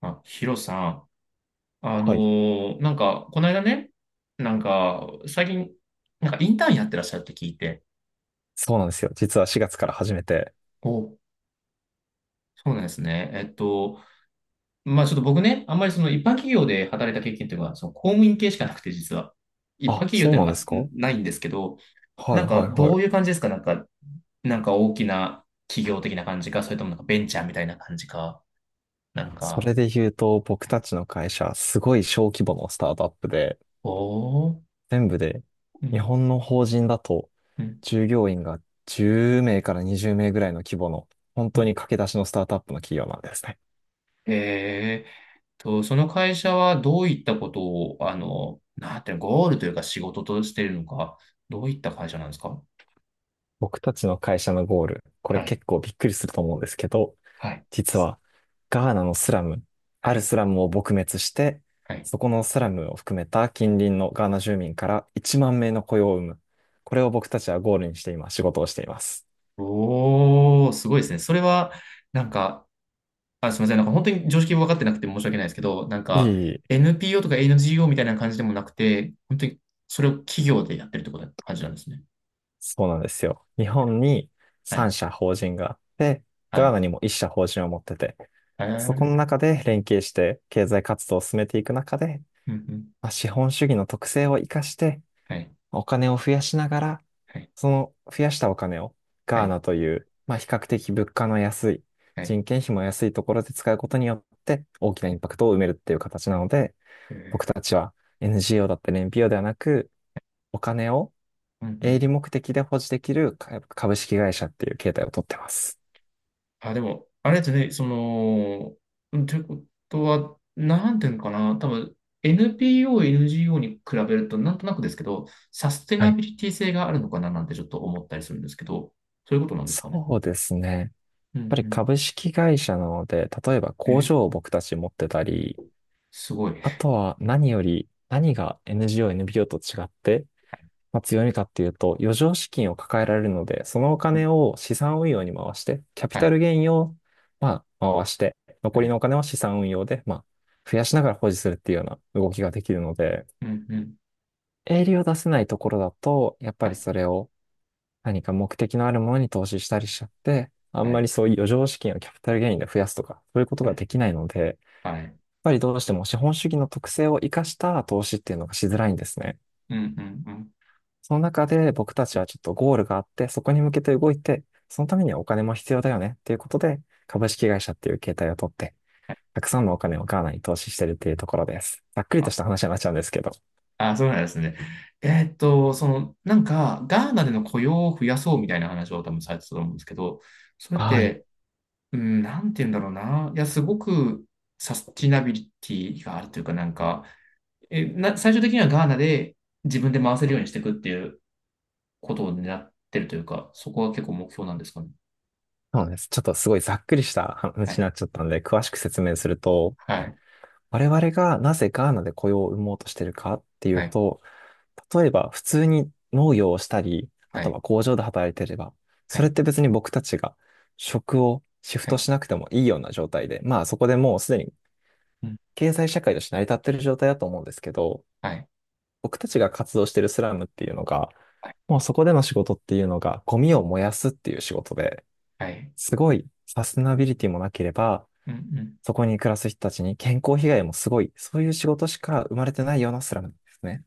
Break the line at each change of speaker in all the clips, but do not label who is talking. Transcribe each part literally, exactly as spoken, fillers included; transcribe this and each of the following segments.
あ、ヒロさん。あ
はい。
のーなんか、この間ね、なんか、最近、なんかインターンやってらっしゃるって聞いて。
そうなんですよ。実はしがつから始めて。
お、そうなんですね。えっと、まあちょっと僕ね、あんまりその一般企業で働いた経験というか、その公務員系しかなくて、実は。一般
あ、
企業っ
そ
てい
う
うの
なん
が
で
ん
すか。は
ないんですけど、
いは
なんか、
いは
どういう
い。
感じですか？なんか、なんか大きな企業的な感じか、それともなんかベンチャーみたいな感じか、なん
そ
か、
れで言うと、僕たちの会社、すごい小規模のスタートアップで、
おー、
全部で、
う
日
ん、
本の法人だと、
うん、
従業員がじゅう名からにじゅう名ぐらいの規模の、本
う
当
ん。
に駆け出しのスタートアップの企業なんですね。
えーと、その会社はどういったことを、あの、なんていうの、ゴールというか仕事としているのか、どういった会社なんですか？
僕たちの会社のゴール、これ
はい。
結構びっくりすると思うんですけど、
はい。
実はガーナのスラム、あ
は
る
い。
スラムを撲滅して、
はい。
そこのスラムを含めた近隣のガーナ住民からいちまん名の雇用を生む。これを僕たちはゴールにして今仕事をしています。
おー、すごいですね。それは、なんか、あ、すみません。なんか本当に常識分かってなくて申し訳ないですけど、なん
いい、
か
いい。
エヌピーオー とか エヌジーオー みたいな感じでもなくて、本当にそれを企業でやってるってことな感じなんですね。
そうなんですよ。日本に
は
さん
い。
社法人があって、
は
ガー
い。
ナにもいち社法人を持ってて、
え
そこの
ー、
中で連携して経済活動を進めていく中で、
うんうん。
まあ資本主義の特性を生かして、
はい。
お金を増やしながら、
はい。
その増やしたお金を
は
ガー
い。
ナという、まあ、比較的物価の安い、
はい。
人件費も安いところで使うことによって大きなインパクトを埋めるっていう形なので、
え
僕
ー、
たちは エヌジーオー だったり エヌピーオー ではなく、お金を
うんう
営
ん。
利目的で保持できるか株式会社っていう形態をとってます。
あ、でも、あれですね、その、うんということは、なんていうのかな、多分 エヌピーオー、エヌジーオー に比べると、なんとなくですけど、サステ
は
ナ
い。
ビリティ性があるのかななんてちょっと思ったりするんですけど、そういうことなんですかね。
そうですね。やっ
う
ぱり
ん
株式会社なので、例えば
うん。
工
え、
場を僕たち持ってたり、
すごい。
あとは何より、何が エヌジーオー、エヌピーオー と違ってまあ、強みかっていうと、余剰資金を抱えられるので、そのお金を資産運用に回して、キャピ
は
タ
い、
ルゲインを、まあ、回して、
は
残り
い、
のお金は資産運用で、まあ、増やしながら保持するっていうような動きができるので、
うんうん、
営利を出せないところだと、やっぱ
は
り
い、
それを何か目的のあるものに投資したりしちゃって、あん
は
まり
い、
そういう余剰資金をキャピタルゲインで増やすとか、そういうこと
は
が
い、
できないので、やっ
はい、
ぱりどうしても資本主義の特性を生かした投資っていうのがしづらいんですね。
うんうんうん。
その中で僕たちはちょっとゴールがあって、そこに向けて動いて、そのためにはお金も必要だよねっていうことで、株式会社っていう形態を取って、
はい。
たくさんのお金をガーナに投資してるっていうところです。ざっくり
あ、
とした話になっちゃうんですけど。
あそうなんですね。えーっと、その、なんか、ガーナでの雇用を増やそうみたいな話を多分されてたと思うんですけど、それっ
はい。
て、うん、なんて言うんだろうな。いや、すごくサスティナビリティがあるというか、なんか、え、な、最終的にはガーナで自分で回せるようにしていくっていうことを狙ってるというか、そこは結構目標なんですかね。
そうなんです。ちょっとすごいざっくりした
は
話に
い。
なっちゃったんで、詳しく説明すると、
はい、
我々がなぜガーナで雇用を生もうとしてるかっていう
はい、
と、例えば、普通に農業をしたり、あ
は
と
い、
は工場で働いてれば、
は
それっ
い、
て別に僕たちが職をシフ
は
ト
い、
しなくてもいいような状態で、まあそこでもうすでに
うん。
経済社会として成り立ってる状態だと思うんですけど、
はい、
僕たちが活動してるスラムっていうのが、
はい。
もうそこでの仕事っていうのがゴミを燃やすっていう仕事で、
はい、
すごいサステナビリティもなければ、
うんうん。
そこに暮らす人たちに健康被害もすごい、そういう仕事しか生まれてないようなスラムですね。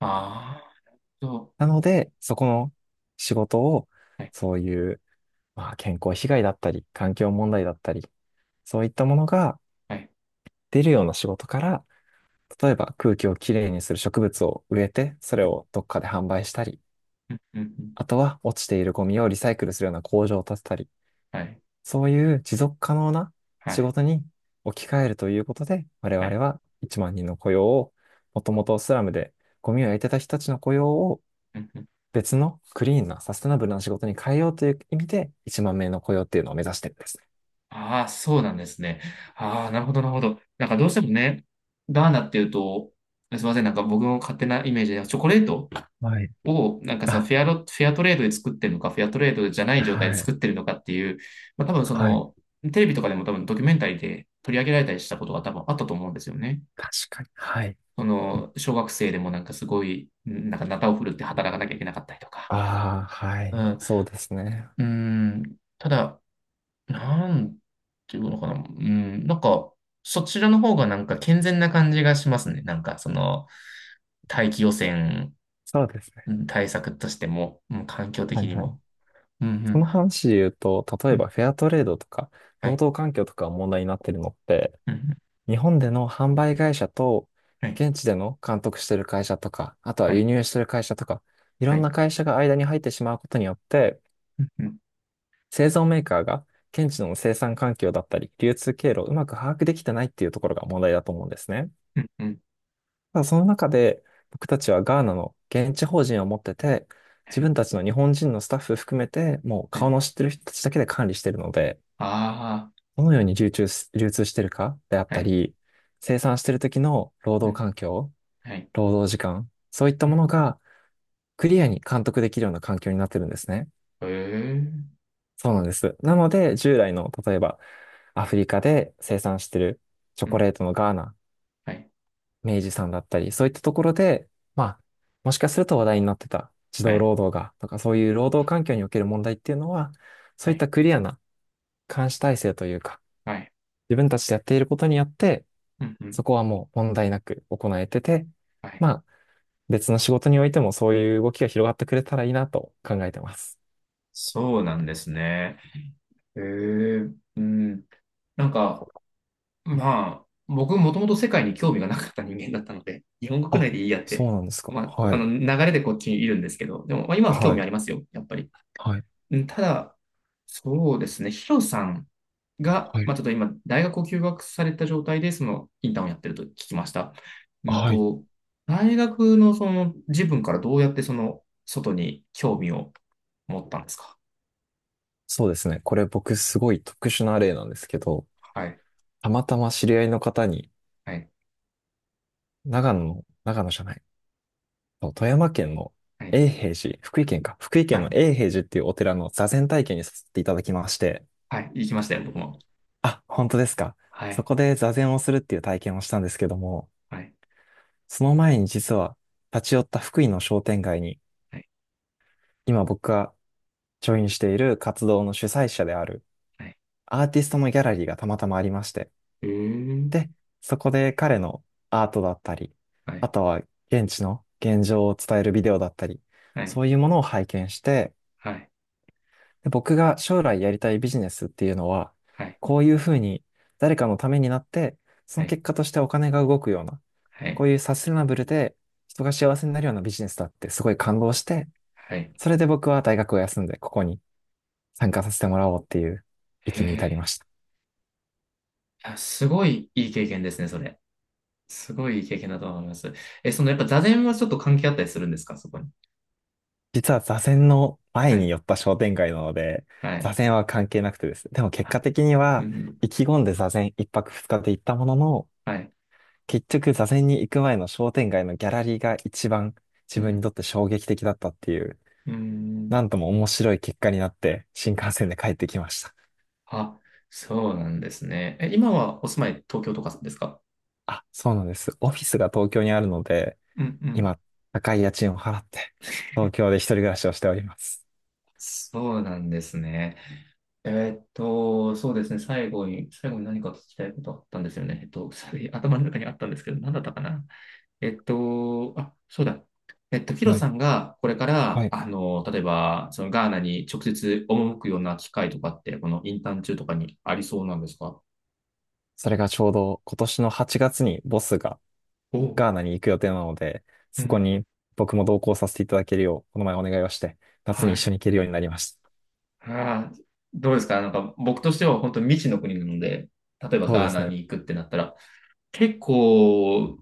ああ、そ
なので、そこの仕事を、
う。はい。
そういう、まあ、健康被害だったり、環境問題だったり、そういったものが
はい。
出るような仕事から、例えば空気をきれいにする植物を植えて、それをどっかで販売したり、
うんうんうん。
あとは落ちているゴミをリサイクルするような工場を建てたり、
はい。
そういう持続可能な
は
仕
い。
事に置き換えるということで、我
は
々
い。
はいちまん人の雇用を、もともとスラムでゴミを
は
焼
い。
いてた人たちの雇用を
うんうん。
別のクリーンなサステナブルな仕事に変えようという意味でいちまん名の雇用っていうのを目指してるんですね。
ああ、そうなんですね。ああ、なるほど、なるほど。なんかどうしてもね、ガーナっていうと、すみません、なんか僕の勝手なイメージで、チョコレート
はい。
を、なんかその
あ、
フェアロ、フェアトレードで作ってるのか、フェアトレードじゃない状態で
はい。
作ってるのかっていう、まあ多分そ
はい。
の、テレビとかでも多分ドキュメンタリーで取り上げられたりしたことが多分あったと思うんですよね。
確かに。はい。
その、小学生でもなんかすごい、なんかナタを振るって働かなきゃいけなかったりとか。
ああ、は
う
い。
ん、
そうですね。
うん、ただ、なんていうのかな。うん、なんか、そちらの方がなんか健全な感じがしますね。なんか、その、大気汚染
そうです
う
ね。
ん対策としても、うん、環境
は
的
い
に
はい。
も。うん、う
そ
ん、
の話で言うと、例
う
えば
ん、
フェアトレードとか、
は
労
い、
働環境とかが問題になってるのって、
うん、うん、
日本での販売会社と、
はい、
現地での監督してる会社とか、あとは
は
輸
い、
入してる会社とか、いろ
は
んな
い、
会社が間に入ってしまうことによって、
うん、うん、
製造メーカーが現地の生産環境だったり、流通経路をうまく把握できてないっていうところが問題だと思うんですね。
うん、うん、
ただその中で僕たちはガーナの現地法人を持ってて、
は
自
い、
分たちの日本人のスタッフ含めて、もう
は
顔
い、
の知ってる人たちだけで管理してるので、
あ
どのように流通し、流通してるかであっ
あ、は
た
い、
り、生産してる時の労
う
働
ん、
環境、
はい、
労働時間、そういったものがクリアに監督できるような環境になってるんですね。
へえー、
そうなんです。なので、従来の、例えば、アフリカで生産してるチョ
う
コ
ん、
レートのガーナ、
はい、
明治さんだったり、そういったところで、まあ、もしかすると話題になってた児
は
童
い、
労働が、とかそういう労働環境における問題っていうのは、そ
は
ういっ
い、
たクリアな監視体制というか、
はい、
自分たちでやっていることによって、
うん、うん、
そこはもう問題なく行えてて、
はい、はい、ああ、はい、うん、はい、え、うん、はい、はい、はい、はい、うん、うん、はい。
まあ、別の仕事においてもそういう動きが広がってくれたらいいなと考えてます。
そうなんですね。へえ、うん。なんか、まあ、僕もともと世界に興味がなかった人間だったので、日本国内
あ、
でいいやっ
そ
て、
うなんですか。
まあ、あ
は
の
い。
流れでこっちにいるんですけど、でも、まあ、今は興
は
味あ
い。
りますよ、やっぱり。
はい。
うん、ただ、そうですね、ヒロさんが、
は
ま
い。
あ、ちょっと今、大学を休学された状態で、そのインターンをやってると聞きました。うん
はい。
と、大学のその自分からどうやってその外に興味を持ったんですか？
そうですね。これ僕すごい特殊な例なんですけど、
はい、
たまたま知り合いの方に、
はい、
長野の、長野じゃない、そう富山県の
はい、
永平寺、福井県か、福井
は
県の
い、
永平寺っていうお寺の座禅体験にさせていただきまして、
はい、行きましたよ、僕も。
あ、本当ですか。
は
そ
い、
こで座禅をするっていう体験をしたんですけども、
はい、
その前に実は立ち寄った福井の商店街に、
はい。
今僕がジョインしている活動の主催者である
はい、
アーティストのギャラリーがたまたまありまして、
えー、
で、そこで彼のアートだったり、
は
あ
い、
とは現地の現状を伝えるビデオだったり、
はい、
そういうものを拝見して、
はい、
で僕が将来やりたいビジネスっていうのは、
はい、
こういうふうに誰かのためになって、そ
は
の
い、
結果としてお金が動くような、
は
こ
い、
ういうサステナブルで人が幸せになるようなビジネスだってすごい感動して、
はい。
それで僕は大学を休んでここに参加させてもらおうっていう
へ
域に
え、
至りました。
あ、すごいいい経験ですね、それ。すごいいい経験だと思います。え、そのやっぱ座禅はちょっと関係あったりするんですか、そこに。
実は座禅の
は
前に
い、
寄った商店街なので、
は
座
い、
禅は関係なくてですね。でも結
はい、
果的に
う
は、
ん、
意気込んで座禅いっぱくふつかで行ったものの、
はい、
結局座禅に行く前の商店街のギャラリーが一番
う
自分に
ん、
とって衝撃的だったっていう、
うん。
なんとも面白い結果になって新幹線で帰ってきました。
あ、そうなんですね。え、今はお住まい東京とかですか？
あ、そうなんです。オフィスが東京にあるので、
うん、うん。
今、高い家賃を払って、東京で一人暮らしをしております。
そうなんですね。えーっと、そうですね。最後に、最後に何か聞きたいことあったんですよね。えっと、それ頭の中にあったんですけど、何だったかな。えっと、あ、そうだ。えっと、ヒロ
はい。
さんがこれか
は
ら、
い。
あの、例えば、そのガーナに直接赴くような機会とかって、このインターン中とかにありそうなんですか？
それがちょうど今年のはちがつにボスが
お、
ガーナに行く予定なので、
う
そこ
ん、
に僕も同行させていただけるよう、この前お願いをして、夏
は
に一
い。
緒に行けるようになりまし
あー、どうですかなんか、僕としては本当に未知の国なので、例えば
た。そう
ガ
で
ー
す
ナ
ね。
に行くってなったら、結構、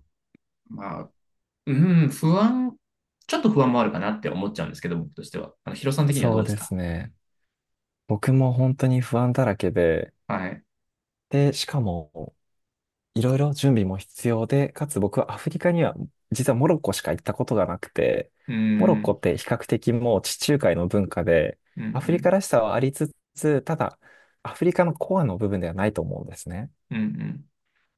まあ、うん、不安、ちょっと不安もあるかなって思っちゃうんですけど、僕としては。あの、ヒロさん的にはど
そ
う
う
です
で
か？
すね。僕も本当に不安だらけで、
はい。
で、しかも、いろいろ準備も必要で、かつ僕はアフリカには、実はモロッコしか行ったことがなくて、
うー
モロッコっ
ん、
て比較的もう地中海の文化で、
うん、う
アフリカ
ん、
らしさはありつつ、ただ、アフリカのコアの部分ではないと思うんですね。
うん、うん。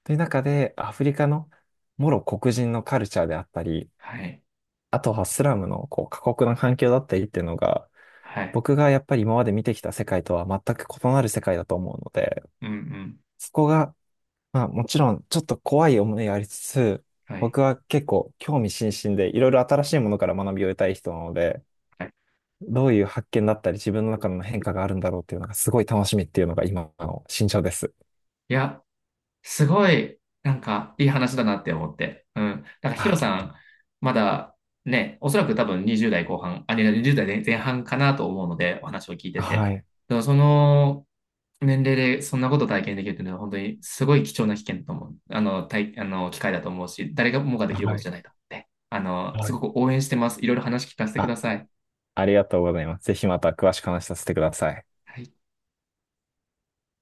という中で、アフリカのもろ黒人のカルチャーであったり、
はい。
あとはスラムのこう過酷な環境だったりっていうのが、
はい。
僕がやっぱり今まで見てきた世界とは全く異なる世界だと思うので、
うん、うん。
そこが、まあもちろんちょっと怖い思いがありつつ、
はい。
僕は結構興味津々でいろいろ新しいものから学びを得たい人なので、
はい。
どういう発見だったり自分の中の変化があるんだろうっていうのがすごい楽しみっていうのが今の心情です。
いや、すごい、なんか、いい話だなって思って。うん。なんか、ヒロ
あ、
さん、まだ、ね、おそらく多分にじゅう代後半、あ、いやにじゅう代前前半かなと思うので、お話を聞いてて。
はい、
でも、その、年齢でそんなこと体験できるというのは、本当にすごい貴重な危険だと思う。あの、体、あの、機会だと思うし、誰がもがで
は
き
い、
るこ
は
とじ
い。
ゃないと思って。あの、
は
す
い。
ごく応援してます。いろいろ話聞かせてくだ
あ、
さい。
ありがとうございます。ぜひまた詳しく話させてください。
はい